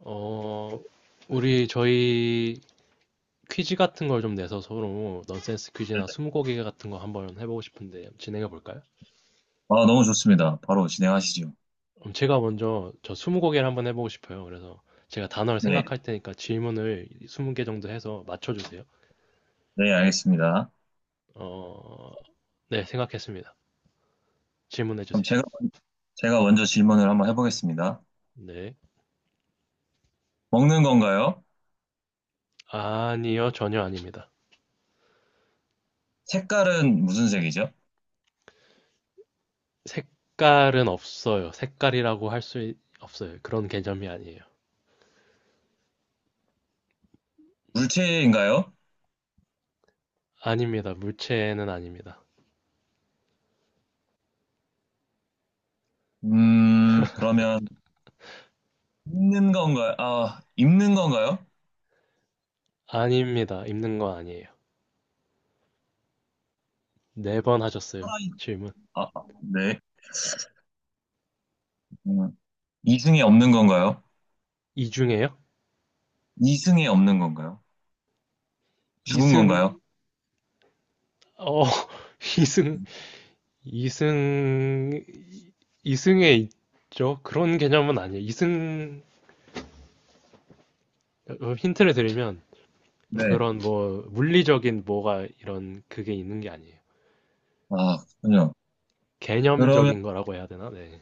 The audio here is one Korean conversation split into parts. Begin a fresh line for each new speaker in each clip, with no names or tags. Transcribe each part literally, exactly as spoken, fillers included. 어, 우리 저희 퀴즈 같은 걸 좀 내서 서로 넌센스 퀴즈나
네네.
스무고개 같은 거 한번 해보고 싶은데 진행해 볼까요?
아, 너무 좋습니다. 바로 진행하시죠.
그럼 제가 먼저 저 스무고개를 한번 해보고 싶어요. 그래서 제가 단어를
네,
생각할 테니까 질문을 스무 개 정도 해서 맞춰주세요.
네, 알겠습니다.
어, 네, 생각했습니다. 질문해
그럼
주세요.
제가, 제가 먼저 질문을 한번 해보겠습니다.
네.
먹는 건가요?
아니요, 전혀 아닙니다.
색깔은 무슨 색이죠?
색깔은 없어요. 색깔이라고 할 수 없어요. 그런 개념이 아니에요.
물체인가요?
아닙니다. 물체는 아닙니다.
음, 그러면 입는 건가요? 아, 입는 건가요?
아닙니다. 입는 건 아니에요. 네 번 하셨어요.
살아있-
질문.
아, 아, 네. 음, 이승에 없는 건가요?
이 중에요?
이승에 없는 건가요? 죽은
이승,
건가요?
어, 이승, 이승, 이승에 있죠? 그런 개념은 아니에요. 이승, 어, 힌트를 드리면,
네.
그런 뭐, 물리적인 뭐가 이런 그게 있는 게 아니에요.
아, 그렇군요. 그러면
개념적인 거라고 해야 되나? 네.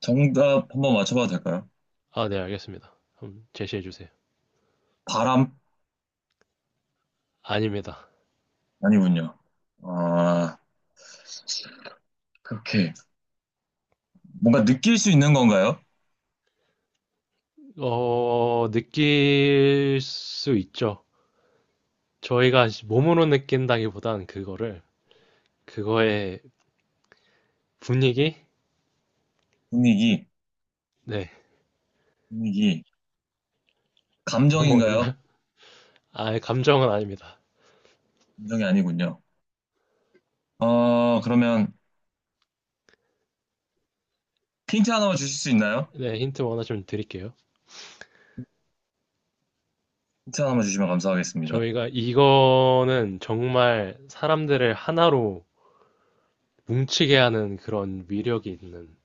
정답 한번 맞춰봐도 될까요?
아, 네, 알겠습니다. 그럼 제시해 주세요.
바람?
아닙니다.
아니군요. 아, 그렇게. 뭔가 느낄 수 있는 건가요?
어, 느낄 수 있죠. 저희가 몸으로 느낀다기보단 그거를, 그거의 분위기?
분위기,
네,
분위기.
너무
감정인가요?
어렵나요? 아, 감정은 아닙니다.
감정이 아니군요. 어, 그러면 힌트 하나만 주실 수 있나요?
네, 힌트 원하시면 드릴게요.
힌트 하나만 주시면 감사하겠습니다.
저희가 이거는 정말 사람들을 하나로 뭉치게 하는 그런 위력이 있는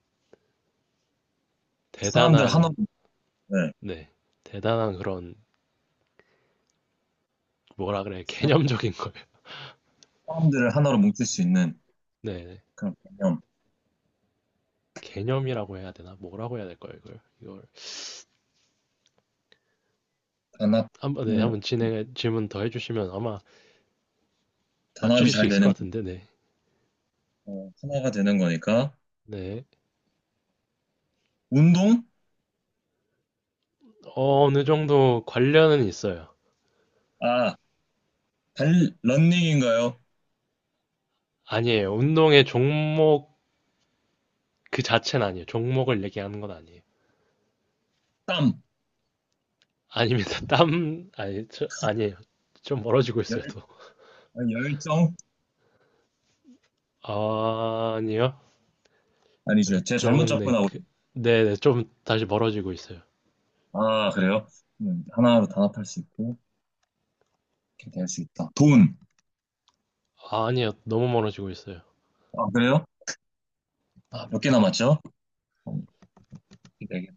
사람들
대단한,
하나로, 네.
네, 대단한 그런 뭐라 그래,
사-
개념적인 거예요.
사람들을 하나로 뭉칠 수 있는
네, 네.
그런 개념.
개념이라고 해야 되나? 뭐라고 해야 될까요, 이걸? 이걸 한번, 네,
단합을,
한번 진행해, 질문 더 해주시면 아마
단합이
맞추실 수
잘
있을 것
되는,
같은데, 네.
거, 어, 하나가 되는 거니까.
네,
운동?
어, 어느 정도 관련은 있어요.
아, 달, 런닝인가요?
아니에요. 운동의 종목 그 자체는 아니에요. 종목을 얘기하는 건 아니에요.
땀,
아닙니다. 땀, 아니, 저, 아니에요. 좀 멀어지고
열,
있어요, 또.
아, 열정?
아, 아니요.
아니죠. 제가 잘못
열정, 네,
접근하고. 있-
그, 네, 네, 좀 다시 멀어지고 있어요.
아, 그래요? 음, 하나로 단합할 수 있고, 이렇게 될 수 있다. 돈.
아, 아니요. 너무 멀어지고 있어요.
아, 그래요? 아, 몇 개 남았죠? 어, 네 개.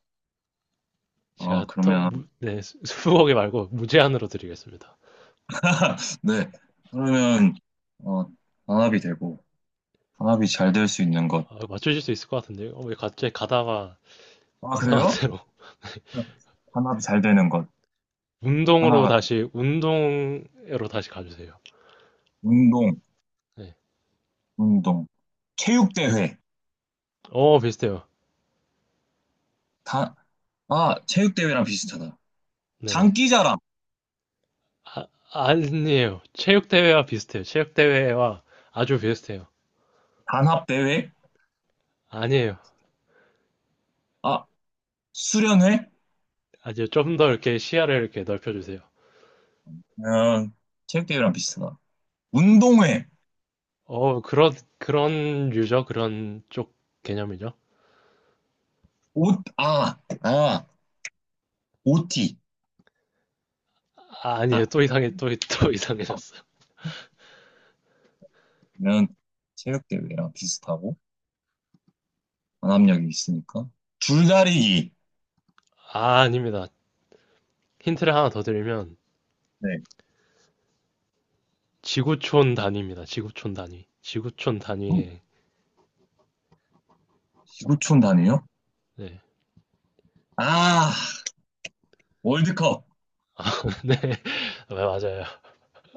아
제가 터, 무,
그러면,
네, 수- 수북이 말고 무제한으로 드리겠습니다.
네. 그러면, 어, 단합이 되고, 단합이 잘 될 수 있는 것.
아, 맞추실 수 있을 것 같은데요. 어, 왜 갑자기 가다가
아,
이상한
그래요?
데로.
단합이 잘 되는 것.
운동으로
하나가,
다시, 운동으로 다시 가주세요.
운동,
네.
운동. 체육대회.
어, 비슷해요.
다, 아, 체육대회랑 비슷하다.
네네.
장기자랑,
아, 아니에요. 체육대회와 비슷해요. 체육대회와 아주 비슷해요.
단합대회.
아니에요.
아, 수련회?
아주 좀 더 이렇게 시야를 이렇게 넓혀주세요.
아 체육대회랑 비슷하다. 운동회.
어, 그런, 그런 유저, 그런 쪽 개념이죠.
옷, 아, 아, 오티
아,
아,
아니에요. 또 이상해, 또, 또 이상해졌어.
면 체육대회랑 비슷하고. 강압력이 있으니까. 줄다리기.
아, 아닙니다. 힌트를 하나 더 드리면,
네.
지구촌 단위입니다. 지구촌 단위. 지구촌
음,
단위에,
구오 초 단위요?
네.
아, 월드컵.
네, 맞아요.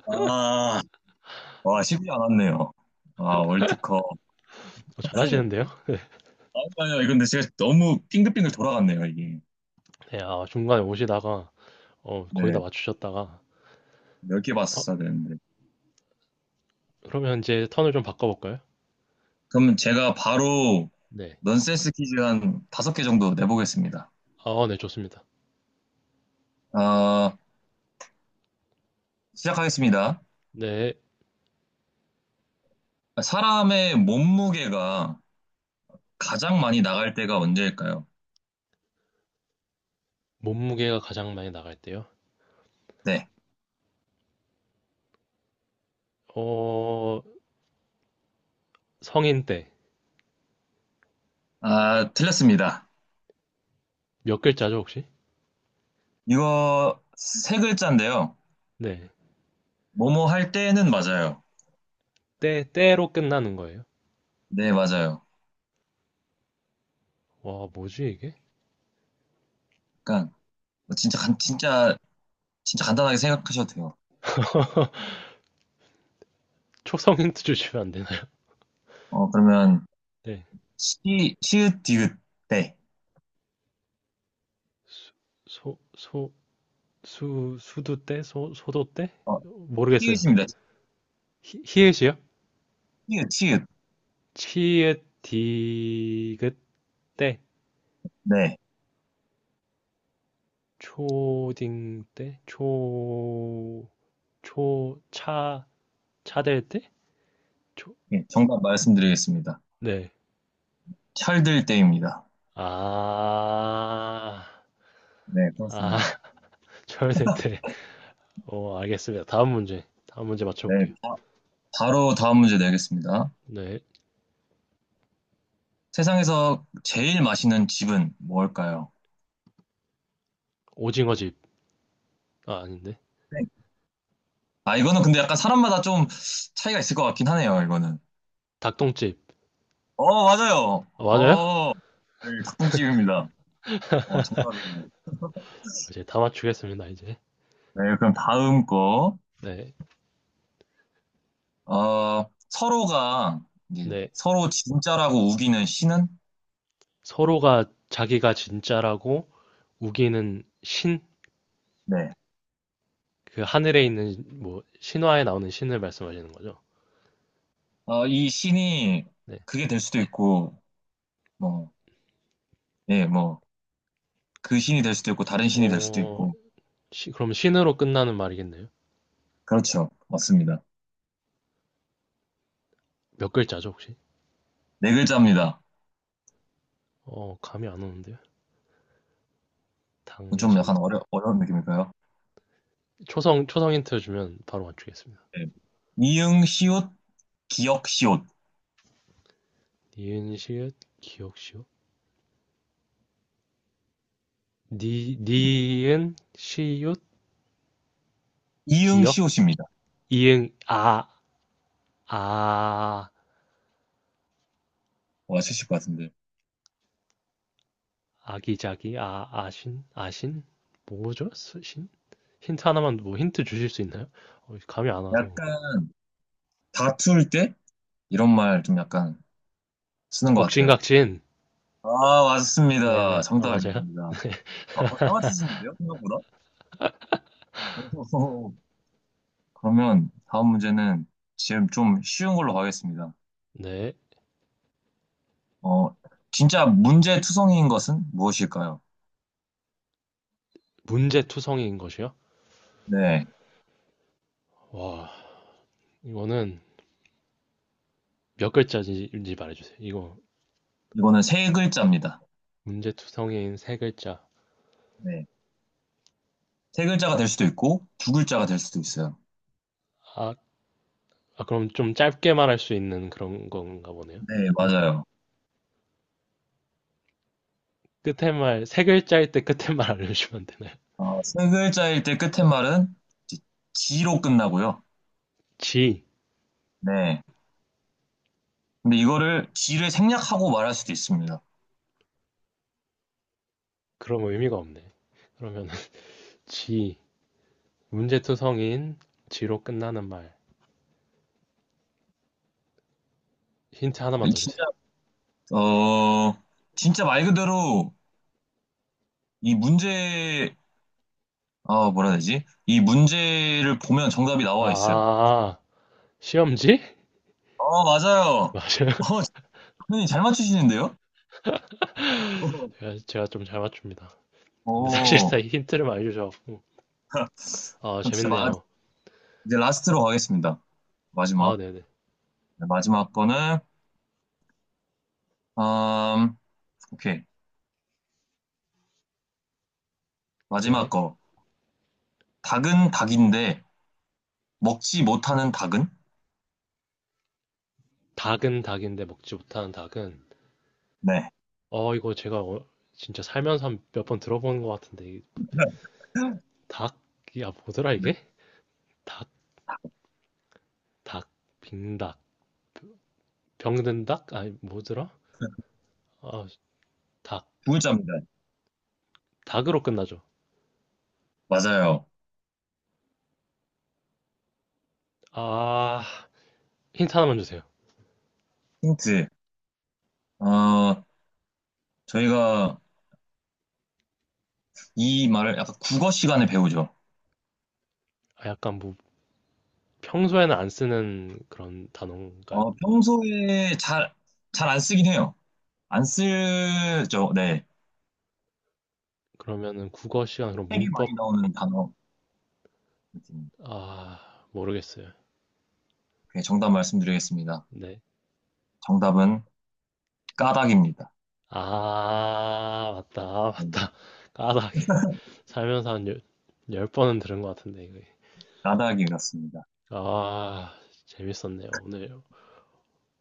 아, 와, 쉽지 않았네요. 아, 월드컵.
어, 잘하시는데요?
아니요, 아니요. 이건데 제가 너무 빙글빙글 돌아갔네요, 이게.
네, 아, 중간에 오시다가, 어, 거의 다
네.
맞추셨다가,
몇 개
어,
봤었어야 되는데.
그러면 이제 턴을 좀 바꿔볼까요?
그럼 제가 바로
네.
넌센스 퀴즈 한 다섯 개 정도 내보겠습니다.
아, 네, 좋습니다.
아, 시작하겠습니다.
네,
사람의 몸무게가 가장 많이 나갈 때가 언제일까요?
몸무게가 가장 많이 나갈 때요.
네.
어, 성인 때.
아, 틀렸습니다.
몇 글자죠, 혹시?
이거 세 글자인데요.
네,
뭐뭐 할 때는 맞아요.
때, 때로 끝나는 거예요.
네, 맞아요.
와, 뭐지, 이게?
그러니까 뭐 진짜 간 진짜 진짜 간단하게 생각하셔도 돼요.
초성 힌트 주시면 안 되나요?
어 그러면
네,
시 시읒 디귿 네.
수, 소, 소, 수, 수도 때? 소, 소도 때?
어
모르겠어요.
시읒입니다.
히, 히읗이요?
시읒 시읒
치읓, 디귿, 때.
네.
초딩 때? 초, 초, 차, 차될 때? 초,
예, 정답 말씀드리겠습니다.
네.
철들 때입니다.
아,
네,
아,
그렇습니다.
철세태. 어, 알겠습니다. 다음 문제. 다음 문제
네,
맞춰볼게요.
바- 바로 다음 문제 내겠습니다.
네.
세상에서 제일 맛있는 집은 뭘까요?
오징어집. 아, 아닌데.
네. 아 이거는 근데 약간 사람마다 좀 차이가 있을 것 같긴 하네요. 이거는.
닭똥집.
어, 맞아요.
아, 맞아요?
어, 네, 닭똥집입니다. 어, 정답이에요.
이제 다 맞추겠습니다, 이제.
네, 그럼 다음 거.
네.
어, 서로가 이제
네.
서로 진짜라고 우기는 신은?
서로가 자기가 진짜라고 우기는 신?
네.
그 하늘에 있는, 뭐, 신화에 나오는 신을 말씀하시는 거죠?
어, 이 신이
네.
그게 될 수도 있고, 뭐, 예, 뭐, 그 신이 될 수도 있고, 다른 신이 될 수도
어,
있고.
시- 그럼 신으로 끝나는 말이겠네요.
그렇죠. 맞습니다.
몇 글자죠, 혹시?
네 글자입니다.
어, 감이 안 오는데요.
좀
당신.
약간 어려, 어려운 느낌일까요?
초성, 초성 힌트 주면 바로 맞추겠습니다.
네. 이응, 시옷, 기역, 시옷.
니은, 시읒, 기억, 시옷. 니, 니은, 시읒,
이응,
기억,
시옷입니다.
이응, 아, 아,
와, 맞으실 것 같은데.
아기자기, 아, 아신, 아신? 뭐죠? 신? 힌트 하나만, 뭐 힌트 주실 수 있나요? 어, 감이 안 와서.
약간 다툴 때? 이런 말 좀 약간 쓰는 것 같아요.
옥신각신.
아, 맞습니다.
네네, 아, 맞아요.
정답입니다. 아, 잘 맞히시는데요? 생각보다? 오. 그러면 다음 문제는 지금 좀 쉬운 걸로 가겠습니다.
네.
어, 진짜 문제투성이인 것은 무엇일까요?
문제투성이인 것이요?
네.
와, 이거는 몇 글자인지 말해주세요. 이거
이거는 세 글자입니다.
문제투성이인 세 글자.
네. 세 글자가 될 수도 있고, 두 글자가 될 수도 있어요.
아, 아, 그럼 좀 짧게 말할 수 있는 그런 건가 보네요.
네, 맞아요.
끝에 말, 세 글자일 때 끝에 말 알려주면 안 되나요?
어, 세 글자일 때 끝에 말은 이제 지로 끝나고요.
지.
네. 근데 이거를 지를 생략하고 말할 수도 있습니다.
그럼 의미가 없네. 그러면은, 지. 문제투성인, 지로 끝나는 말. 힌트 하나만 더 주세요.
진짜 어, 진짜 말 그대로 이 문제, 아, 뭐라 해야 되지? 이 문제를 보면 정답이 나와 있어요.
아, 시험지?
어, 맞아요.
맞아요.
어, 선생님 잘 맞추시는데요?
제가, 제가 좀 잘 맞춥니다. 근데 사실상
오
이 힌트를 많이 주셔갖고, 아,
그럼 진짜 마,
재밌네요.
이제 라스트로 가겠습니다.
아,
마지막.
네네.
네, 마지막 거는, 음, 오케이. 마지막
네.
거. 닭은 닭인데, 먹지 못하는 닭은?
닭은 닭인데 먹지 못하는 닭은,
네.
어, 이거 제가 어- 진짜 살면서 몇 번 들어보는 것 같은데, 닭, 야, 뭐더라,
네,
이게? 닭, 닭, 빙닭, 병든 닭? 아니, 뭐더라? 아, 닭,
두 글자입니다.
닭으로 끝나죠.
맞아요.
아, 힌트 하나만 주세요.
힌트. 어, 저희가 이 말을 약간 국어 시간에 배우죠.
아, 약간 뭐, 평소에는 안 쓰는 그런 단어인가요?
어, 평소에 잘, 잘 안 쓰긴 해요. 안 쓰죠. 네.
그러면은 국어 시간, 그럼
책에 많이
문법,
나오는 단어.
아, 모르겠어요.
네, 정답 말씀드리겠습니다.
네.
정답은 까닭입니다.
아, 맞다, 아,
네,
맞다. 까닭. 살면서 한 열, 열 번은 들은 것 같은데, 이거.
까닭이었습니다.
아, 재밌었네요. 오늘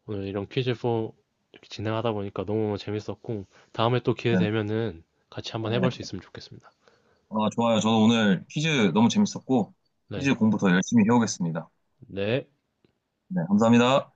오늘 이런 퀴즈 포 이렇게 진행하다 보니까 너무 재밌었고, 다음에 또 기회
네,
되면은 같이 한번 해볼 수
네.
있으면 좋겠습니다.
아, 좋아요. 저도 오늘 퀴즈 너무 재밌었고,
네.
퀴즈 공부 더 열심히 해오겠습니다.
네.
네, 감사합니다.